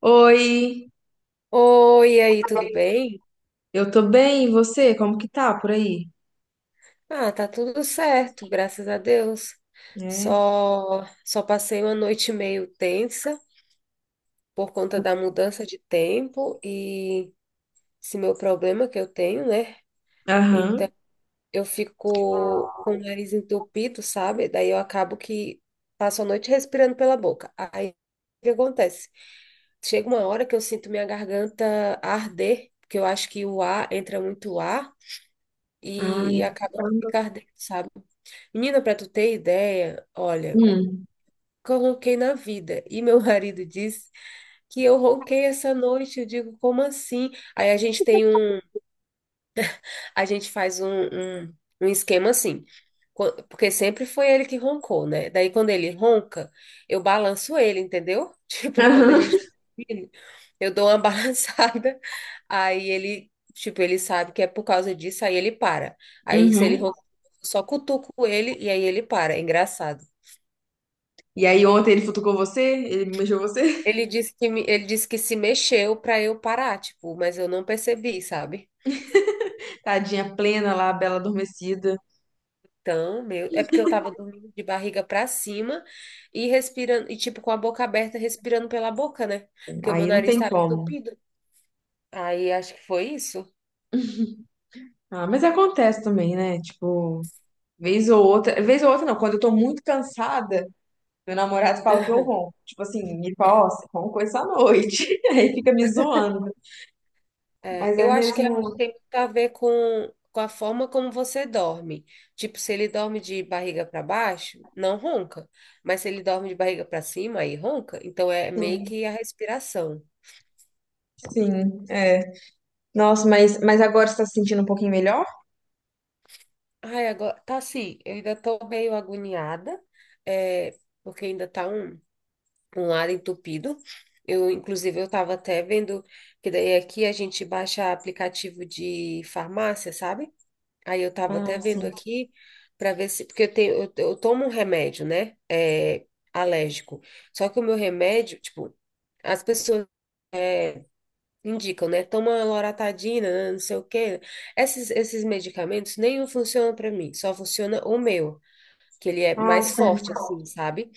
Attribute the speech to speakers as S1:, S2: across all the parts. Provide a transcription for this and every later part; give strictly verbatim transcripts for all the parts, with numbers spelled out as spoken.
S1: Oi,
S2: Oi, e aí, tudo bem?
S1: eu tô bem, e você? Como que tá por aí?
S2: Ah, tá tudo certo, graças a Deus.
S1: É.
S2: Só só passei uma noite meio tensa por conta da mudança de tempo e esse meu problema que eu tenho, né? Então,
S1: Aham.
S2: eu fico com o nariz entupido, sabe? Daí eu acabo que passo a noite respirando pela boca. Aí, o que acontece? Chega uma hora que eu sinto minha garganta arder, porque eu acho que o ar entra muito ar
S1: Ai,
S2: e acaba que
S1: caramba.
S2: fica ardendo, sabe? Menina, pra tu ter ideia, olha,
S1: Hum.
S2: coloquei na vida. E meu marido disse que eu ronquei essa noite. Eu digo, como assim? Aí a gente tem um, a gente faz um, um, um esquema assim. co- Porque sempre foi ele que roncou, né? Daí quando ele ronca, eu balanço ele, entendeu? Tipo, quando a
S1: Aham.
S2: gente tá dormindo, eu dou uma balançada, aí ele, tipo, ele sabe que é por causa disso, aí ele para. Aí se ele
S1: Uhum.
S2: ronca, eu só cutuco ele e aí ele para. É engraçado.
S1: E aí ontem ele futucou você? Ele mexeu você?
S2: Ele disse que, me- ele disse que se mexeu pra eu parar, tipo, mas eu não percebi, sabe?
S1: Tadinha plena lá, bela adormecida.
S2: Então, meu, é porque eu tava dormindo de barriga pra cima e respirando, e tipo, com a boca aberta, respirando pela boca, né? Porque o meu
S1: Aí não
S2: nariz
S1: tem
S2: tava
S1: como.
S2: entupido. Aí acho que foi isso.
S1: Ah, mas acontece também, né? Tipo, vez ou outra, vez ou outra não, quando eu tô muito cansada, meu namorado fala que eu ronco. Tipo assim, ele fala, ó, você roncou essa noite. Aí fica me zoando.
S2: É,
S1: Mas é
S2: eu acho que é-
S1: mesmo.
S2: tem muito a ver com, com a forma como você dorme. Tipo, se ele dorme de barriga para baixo, não ronca. Mas se ele dorme de barriga para cima, aí ronca. Então é meio
S1: Assim,
S2: que a respiração.
S1: sim, é. Nossa, mas, mas agora você tá se sentindo um pouquinho melhor?
S2: Ai, agora tá assim, eu ainda tô meio agoniada, é, porque ainda tá um, um lado entupido. Eu, inclusive, eu tava até vendo que daí aqui a gente baixa aplicativo de farmácia, sabe? Aí eu tava até
S1: Ah,
S2: vendo
S1: sim.
S2: aqui para ver se, porque eu tenho, eu, eu tomo um remédio, né? É, alérgico. Só que o meu remédio, tipo, as pessoas é, indicam, né? Toma loratadina, né, não sei o quê. Esses, esses medicamentos nenhum funciona para mim, só funciona o meu que ele é
S1: Ah,
S2: mais
S1: sim.
S2: forte, assim, sabe?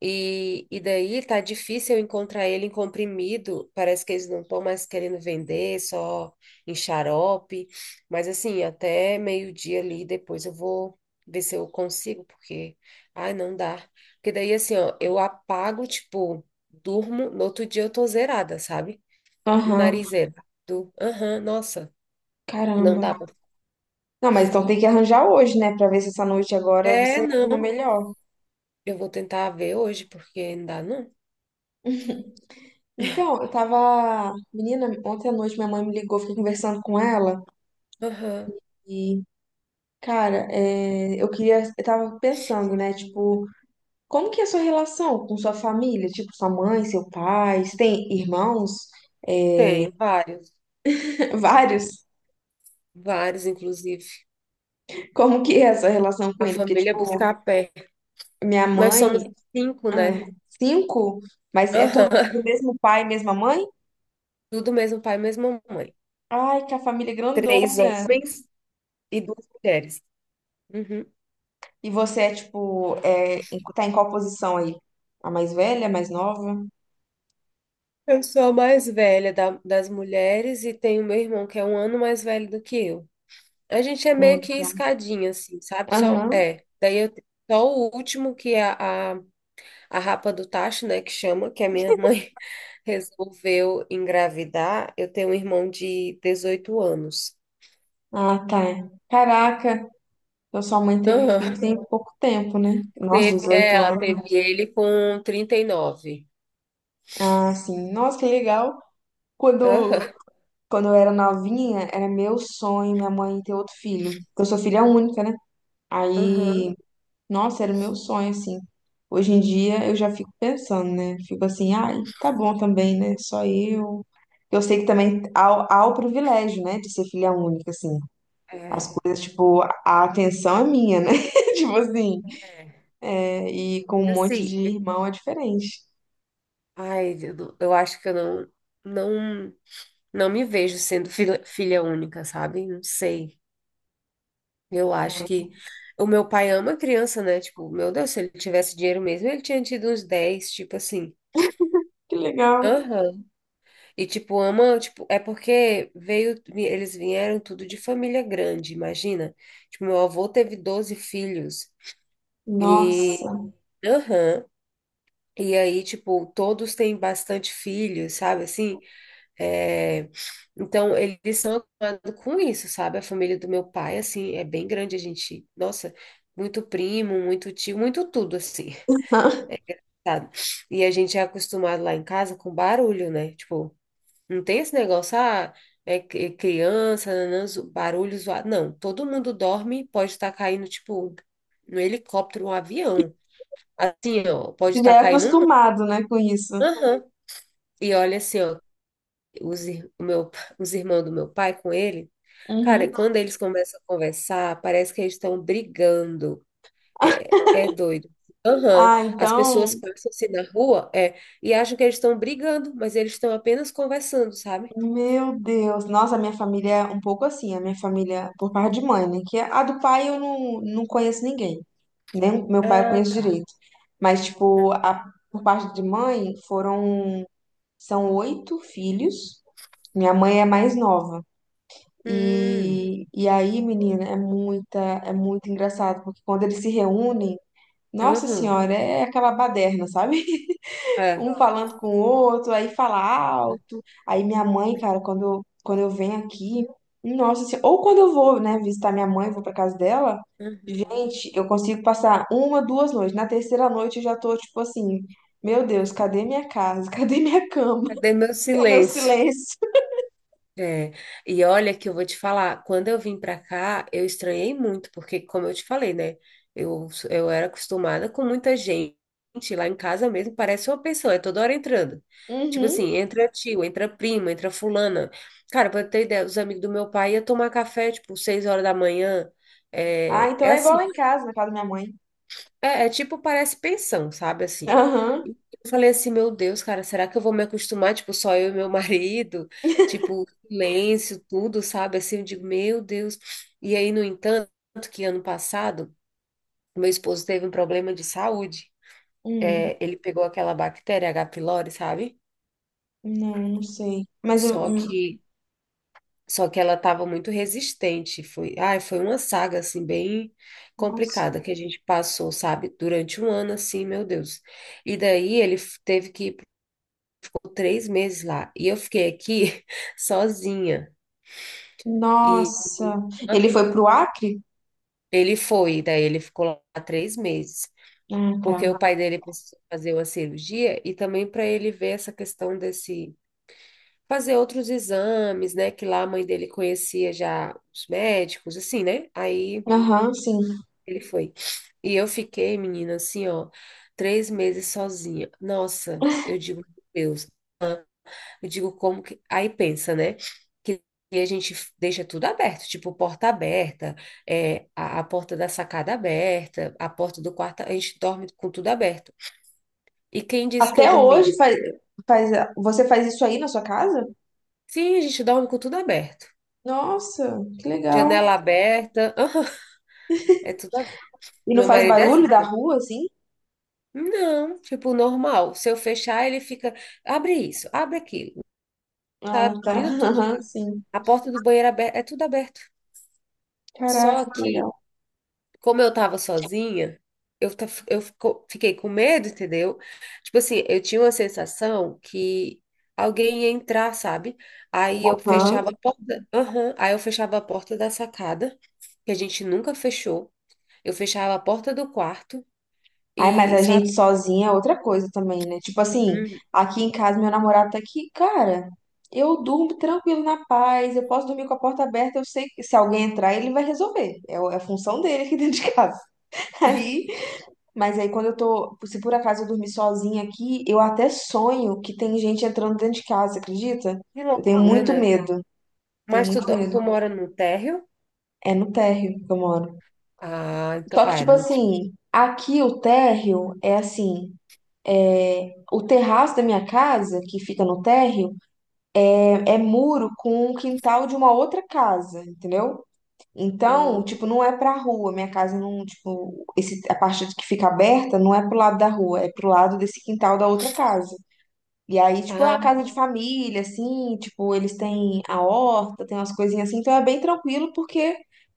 S2: E, e daí tá difícil eu encontrar ele em comprimido, parece que eles não estão mais querendo vender, só em xarope, mas assim, até meio-dia ali, depois eu vou ver se eu consigo, porque, ai, não dá. Porque daí, assim, ó, eu apago, tipo, durmo, no outro dia eu tô zerada, sabe?
S1: Aham.
S2: Narizeira. Do, aham, nossa, não
S1: Caramba.
S2: dá pra...
S1: Não, mas então tem que arranjar hoje, né? Pra ver se essa noite agora
S2: É,
S1: você dorme
S2: não,
S1: melhor.
S2: eu vou tentar ver hoje, porque não dá, não.
S1: Então, eu tava. Menina, ontem à noite minha mãe me ligou, fiquei conversando com ela.
S2: Aham,
S1: E, cara, é, eu queria. Eu tava pensando, né? Tipo. Como que é a sua relação com sua família? Tipo, sua mãe, seu pai? Você tem irmãos? É,
S2: tenho vários.
S1: vários?
S2: Vários, inclusive.
S1: Como que é essa relação com
S2: A
S1: ele? Porque,
S2: família é
S1: tipo,
S2: buscar a pé.
S1: minha
S2: Nós somos
S1: mãe...
S2: cinco,
S1: ah,
S2: né?
S1: cinco? Mas é
S2: Aham.
S1: tudo do mesmo pai, mesma mãe?
S2: Tudo mesmo pai, mesma mãe.
S1: Ai, que a família é
S2: Três
S1: grandona!
S2: homens e duas mulheres. Uhum.
S1: E você é, tipo... É... em- Tá em qual posição aí? A mais velha, a mais nova?
S2: Eu sou a mais velha da- das mulheres e tenho meu irmão que é um ano mais velho do que eu. A gente é meio
S1: Hum.
S2: que escadinha, assim, sabe? Só,
S1: Aham.
S2: é. Daí eu tenho só o último que é a, a, a rapa do tacho, né? Que chama, que a minha mãe resolveu engravidar. Eu tenho um irmão de dezoito anos.
S1: Ah, tá. Caraca, então sua mãe teve
S2: Aham.
S1: filho tem pouco tempo, né? Nossa,
S2: Teve, é,
S1: dezoito
S2: ela teve
S1: anos.
S2: ele com trinta e nove.
S1: Ah, sim. Nossa, que legal.
S2: Aham,
S1: Quando, quando eu era novinha, era meu sonho minha mãe ter outro filho. Porque eu sou filha única, né?
S2: aham.
S1: Aí, nossa, era o meu sonho, assim. Hoje em dia eu já fico pensando, né? Fico assim, ai, tá bom também, né? Só eu. Eu sei que também há, há o privilégio, né, de ser filha única, assim. As
S2: É,
S1: coisas, tipo, a atenção é minha, né? Tipo assim.
S2: é.
S1: É, e com um monte de
S2: Assim,
S1: irmão é diferente.
S2: ai, eu, não- eu acho que eu não, não, não me vejo sendo filha, filha única, sabe? Não sei. Eu acho que o meu pai ama criança, né? Tipo, meu Deus, se ele tivesse dinheiro mesmo, ele tinha tido uns dez tipo assim.
S1: Que legal.
S2: Aham. E tipo, ama, tipo, é porque veio, vi- eles vieram tudo de família grande, imagina. Tipo, meu avô teve doze filhos. E
S1: Nossa.
S2: aham. E aí, tipo, todos têm bastante filhos, sabe, assim, é... Então eles são acostumados com isso, sabe, a família do meu pai, assim, é bem grande, a gente, nossa, muito primo, muito tio, muito tudo, assim, sabe, e a gente é acostumado lá em casa com barulho, né, tipo, não tem esse negócio, ah, é cri- criança, nanã, zo- barulho zoado, não, todo mundo dorme, pode estar caindo, tipo, no helicóptero, um avião, assim, ó, pode
S1: Já
S2: estar
S1: é
S2: caindo um...
S1: acostumado, né, com isso.
S2: Aham. E olha assim, ó, os, ir- o meu, os irmãos do meu pai com ele, cara,
S1: Uhum.
S2: quando eles começam a conversar, parece que eles estão brigando. É, é doido. Aham.
S1: Ah,
S2: As pessoas
S1: então,
S2: passam assim na rua, é, e acham que eles estão brigando, mas eles estão apenas conversando, sabe?
S1: meu Deus. Nossa, a minha família é um pouco assim, a minha família por parte de mãe, né? Que é a do pai eu não, não conheço ninguém. Nem o meu pai eu
S2: Ah,
S1: conheço
S2: tá.
S1: direito. Mas, tipo, a, por parte de mãe foram, são oito filhos. Minha mãe é mais nova.
S2: Hum,
S1: E, e aí, menina, é muita, é muito engraçado, porque quando eles se reúnem, nossa
S2: aham.
S1: senhora, é aquela baderna, sabe?
S2: É.
S1: Um falando com o outro, aí fala alto. Aí minha mãe, cara, quando eu, quando eu venho aqui, nossa, assim, ou quando eu vou, né, visitar minha mãe, vou pra casa dela,
S2: Uhum.
S1: gente, eu consigo passar uma, duas noites. Na terceira noite eu já tô tipo assim, meu Deus, cadê minha casa? Cadê minha cama?
S2: Cadê meu
S1: É o meu
S2: silêncio?
S1: silêncio.
S2: É, e olha que eu vou te falar, quando eu vim pra cá, eu estranhei muito, porque como eu te falei, né, eu, eu era acostumada com muita gente, lá em casa mesmo parece uma pessoa, é toda hora entrando. Tipo
S1: Uhum.
S2: assim, entra tio, entra prima, entra fulana. Cara, pra ter ideia, os amigos do meu pai iam tomar café, tipo, seis horas da manhã,
S1: Ah,
S2: é,
S1: então
S2: é
S1: é igual
S2: assim,
S1: lá em casa, na casa da minha mãe.
S2: é, é tipo, parece pensão, sabe, assim.
S1: Aham.
S2: E eu falei assim, meu Deus, cara, será que eu vou me acostumar, tipo, só eu e meu marido? Tipo, silêncio, tudo, sabe? Assim, eu digo, meu Deus. E aí, no entanto, que ano passado, meu esposo teve um problema de saúde.
S1: Hum.
S2: É, ele pegou aquela bactéria H. pylori, sabe?
S1: Não, não sei. Mas eu.
S2: Só
S1: Hum.
S2: que Só que ela estava muito resistente. Foi, ai, foi uma saga assim bem
S1: Nossa.
S2: complicada que a gente passou, sabe? Durante um ano assim, meu Deus. E daí ele f- teve que ir por três meses lá e eu fiquei aqui sozinha. E
S1: Nossa. Ele foi pro Acre?
S2: ele foi, daí ele ficou lá três meses,
S1: Ah,
S2: porque o
S1: tá.
S2: pai dele precisou fazer uma cirurgia e também para ele ver essa questão desse fazer outros exames, né? Que lá a mãe dele conhecia já os médicos, assim, né? Aí
S1: Aham, sim.
S2: ele foi. E eu fiquei, menina, assim, ó, três meses sozinha. Nossa, eu digo, meu Deus, eu digo como que. Aí pensa, né? Que a gente deixa tudo aberto, tipo, porta aberta, é, a, a porta da sacada aberta, a porta do quarto, a gente dorme com tudo aberto. E quem disse que eu
S1: Até
S2: dormi?
S1: hoje faz, faz, você faz isso aí na sua casa?
S2: Sim, a gente dorme com tudo aberto.
S1: Nossa, que legal.
S2: Janela aberta, é tudo aberto.
S1: E não
S2: Meu
S1: faz
S2: marido é assim,
S1: barulho da
S2: eu-
S1: rua, assim?
S2: não, tipo, normal. Se eu fechar, ele fica. Abre isso, abre aquilo.
S1: Ah,
S2: Tá
S1: tá.
S2: abrindo tu-
S1: Aham, sim.
S2: a porta do banheiro aberta, é tudo aberto. Só
S1: Caraca, que legal.
S2: que, como eu tava sozinha, eu, ta- eu fico- fiquei com medo, entendeu? Tipo assim, eu tinha uma sensação que alguém ia entrar, sabe? Aí eu
S1: Aham.
S2: fechava a porta, aham, aí eu fechava a porta da sacada, que a gente nunca fechou. Eu fechava a porta do quarto
S1: Ai, mas
S2: e,
S1: a
S2: sabe?
S1: gente sozinha é outra coisa também, né? Tipo assim,
S2: Hum.
S1: aqui em casa, meu namorado tá aqui, cara. Eu durmo tranquilo na paz, eu posso dormir com a porta aberta, eu sei que se alguém entrar, ele vai resolver. É o- é a função dele aqui dentro de casa. Aí mas aí quando eu tô, se por acaso eu dormir sozinha aqui, eu até sonho que tem gente entrando dentro de casa, acredita?
S2: Que
S1: Eu tenho
S2: loucura,
S1: muito
S2: né?
S1: medo, tenho
S2: Mas tu,
S1: muito
S2: do-
S1: medo.
S2: tu mora no térreo?
S1: É no térreo que eu moro.
S2: Ah, então,
S1: Só que,
S2: ah, é
S1: tipo
S2: no,
S1: assim, aqui o térreo é assim, o terraço da minha casa, que fica no térreo, é, é muro com o quintal de uma outra casa, entendeu? Então,
S2: hum.
S1: tipo, não é pra rua, minha casa não, tipo, esse, a parte que fica aberta não é pro lado da rua, é pro lado desse quintal da outra casa. E aí, tipo, é uma casa de família, assim, tipo, eles têm a horta, tem umas coisinhas assim, então é bem tranquilo porque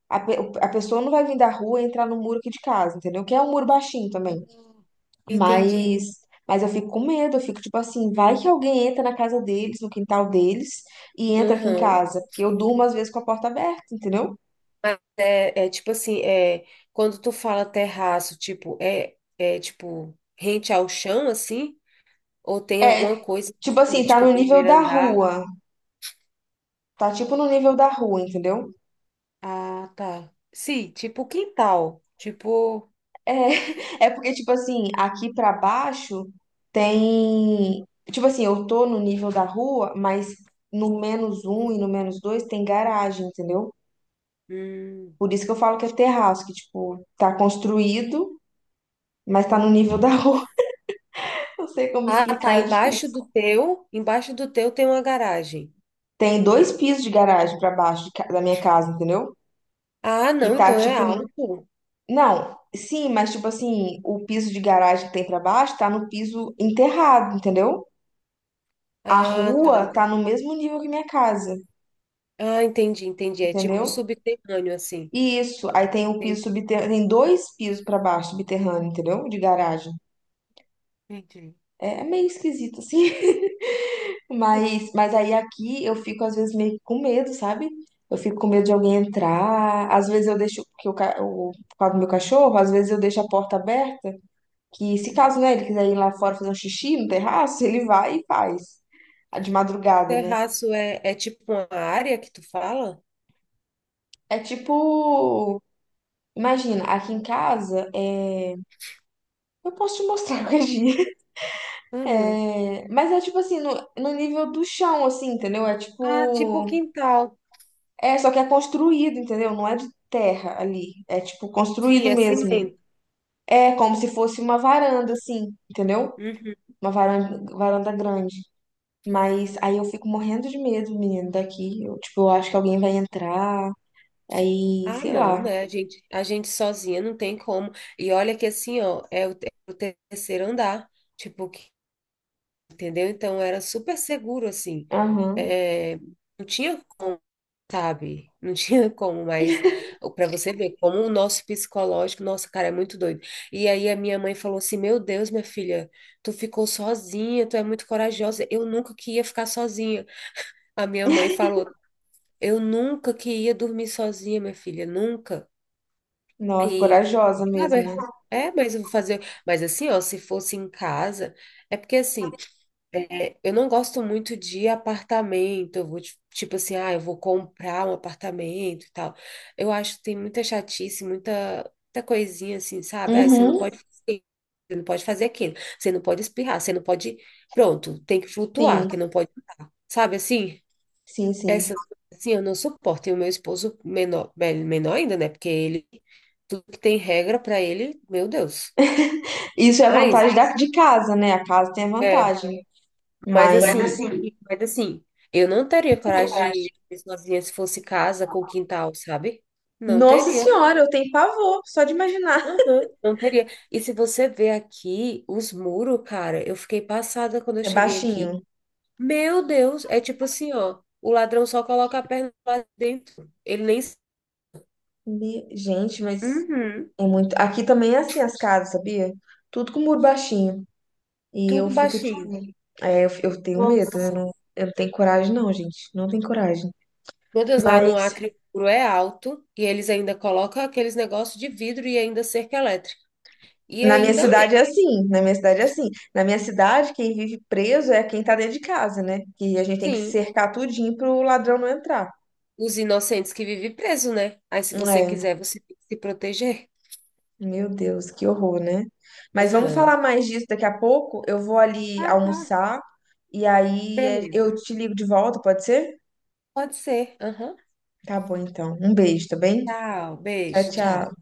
S1: a, pe- a pessoa não vai vir da rua e entrar no muro aqui de casa, entendeu? Que é um muro baixinho também.
S2: Hum, entendi.
S1: Mas, mas eu fico com medo, eu fico tipo assim, vai que alguém entra na casa deles, no quintal deles, e entra aqui em
S2: Uhum.
S1: casa, porque eu durmo às vezes com a porta aberta, entendeu?
S2: Mas é, é, tipo assim, é, quando tu fala terraço, tipo, é, é tipo rente ao chão, assim? Ou tem alguma
S1: É,
S2: coisa,
S1: tipo
S2: em cima,
S1: assim, tá
S2: tipo,
S1: no nível
S2: primeiro
S1: da
S2: andar?
S1: rua, tá tipo no nível da rua, entendeu?
S2: Ah, tá. Sim, tipo quintal. Tipo.
S1: É, é porque, tipo assim, aqui pra baixo tem. Tipo assim, eu tô no nível da rua, mas no menos um e no menos dois tem garagem, entendeu?
S2: Hum.
S1: Por isso que eu falo que é terraço, que, tipo, tá construído, mas tá no nível da rua. Não sei como
S2: Ah, tá.
S1: explicar, é
S2: Embaixo do
S1: difícil.
S2: teu, embaixo do teu tem uma garagem.
S1: Tem dois pisos de garagem pra baixo de ca- da minha casa, entendeu?
S2: Ah,
S1: Que
S2: não,
S1: tá,
S2: então é
S1: tipo. N-
S2: alto.
S1: Não, sim, mas, tipo assim, o piso de garagem que tem pra baixo tá no piso enterrado, entendeu? A
S2: Ah, tá.
S1: rua tá no mesmo nível que minha casa,
S2: Ah, entendi, entendi. É tipo
S1: entendeu?
S2: subterrâneo, assim.
S1: E isso, aí tem o piso
S2: Entendi.
S1: subterrâneo, tem dois pisos pra baixo, subterrâneo, entendeu? De garagem.
S2: Entendi.
S1: É, é meio esquisito, assim. Mas, mas aí aqui eu fico, às vezes, meio que com medo, sabe? Eu fico com medo de alguém entrar. Às vezes eu deixo, porque o, ca- o, por causa do meu cachorro, às vezes eu deixo a porta aberta, que se caso,
S2: Uhum.
S1: né, ele quiser ir lá fora fazer um xixi no terraço, ele vai e faz. De madrugada, né?
S2: Terraço é, é tipo uma área que tu fala?
S1: É tipo. Imagina, aqui em casa, é... eu posso te mostrar qualquer dia.
S2: Uhum.
S1: É... Mas é tipo assim, no, no nível do chão, assim, entendeu? É
S2: Ah, tipo
S1: tipo.
S2: quintal.
S1: É, só que é construído, entendeu? Não é de terra ali. É tipo
S2: Sim,
S1: construído
S2: é
S1: mesmo.
S2: cimento.
S1: É como se fosse uma varanda, assim, entendeu?
S2: Uhum.
S1: Uma varanda, varanda grande. Mas aí eu fico morrendo de medo, menino, daqui. Eu, tipo, eu acho que alguém vai entrar. Aí,
S2: Ah,
S1: sei
S2: não,
S1: lá.
S2: né? A gente, a gente sozinha não tem como. E olha que assim, ó, é o te- terceiro andar. Tipo, que- entendeu? Então era super seguro, assim.
S1: Aham.
S2: É, não tinha, sabe? Não tinha como, mas para você ver como o nosso psicológico, nossa, cara, é muito doido. E aí a minha mãe falou assim: Meu Deus, minha filha, tu ficou sozinha, tu é muito corajosa. Eu nunca que ia ficar sozinha. A minha mãe falou: Eu nunca que ia dormir sozinha, minha filha, nunca.
S1: Nossa,
S2: E eu
S1: corajosa
S2: digo, ah,
S1: mesmo,
S2: mas-
S1: né?
S2: é, mas eu vou fazer. Mas assim, ó, se fosse em casa, é porque assim. É, eu não gosto muito de apartamento, eu vou, ti- tipo assim, ah, eu vou comprar um apartamento e tal. Eu acho que tem muita chatice, muita, muita coisinha assim, sabe? Ah, você não
S1: Uhum.
S2: pode fazer, isso, você não pode fazer aquilo, você não pode espirrar, você não pode. Pronto, tem que flutuar,
S1: Sim,
S2: que não pode andar. Sabe assim?
S1: sim, sim.
S2: Essas coisas assim eu não suporto. E o meu esposo menor, me- menor ainda, né? Porque ele, tudo que tem regra para ele, meu Deus.
S1: Isso é a
S2: Mas.
S1: vantagem da, mas, de casa, né? A casa tem a
S2: É,
S1: vantagem.
S2: Mas
S1: Mas, Mas
S2: assim,
S1: assim,
S2: mas assim, eu não teria coragem de dormir sozinha se fosse casa com quintal, sabe? Não
S1: nossa
S2: teria.
S1: senhora, eu tenho pavor, só de imaginar.
S2: Aham. Não teria. E se você ver aqui os muros, cara, eu fiquei passada quando eu
S1: É
S2: cheguei
S1: baixinho.
S2: aqui. Meu Deus, é tipo assim, ó, o ladrão só coloca a perna lá dentro. Ele nem.
S1: Me- Gente, mas
S2: Uhum.
S1: é muito. Aqui também é assim as casas, sabia? Tudo com muro baixinho. E eu
S2: Tudo
S1: fico
S2: baixinho.
S1: tipo. É, eu, eu tenho medo, eu
S2: Nossa.
S1: não, eu não tenho coragem, não, gente. Não tenho coragem.
S2: Meu Deus, lá no
S1: Mas
S2: Acre o muro é alto e eles ainda colocam aqueles negócios de vidro e ainda cerca elétrica. E
S1: na minha
S2: ainda
S1: cidade é assim. Na minha cidade é assim. Na minha cidade, quem vive preso é quem tá dentro de casa, né? Que a gente tem que
S2: sim,
S1: cercar tudinho pro ladrão não entrar.
S2: os inocentes que vivem preso, né? Aí, se você
S1: É,
S2: quiser, você tem que se proteger.
S1: meu Deus, que horror, né? Mas vamos falar
S2: Aham.
S1: mais disso daqui a pouco. Eu vou ali
S2: Ah, tá.
S1: almoçar e aí eh, eu
S2: Beleza.
S1: te ligo de volta, pode ser?
S2: Pode ser. Aham.
S1: Tá bom, então. Um beijo, tá bem?
S2: Tchau,
S1: Tchau,
S2: beijo, tchau.
S1: tchau.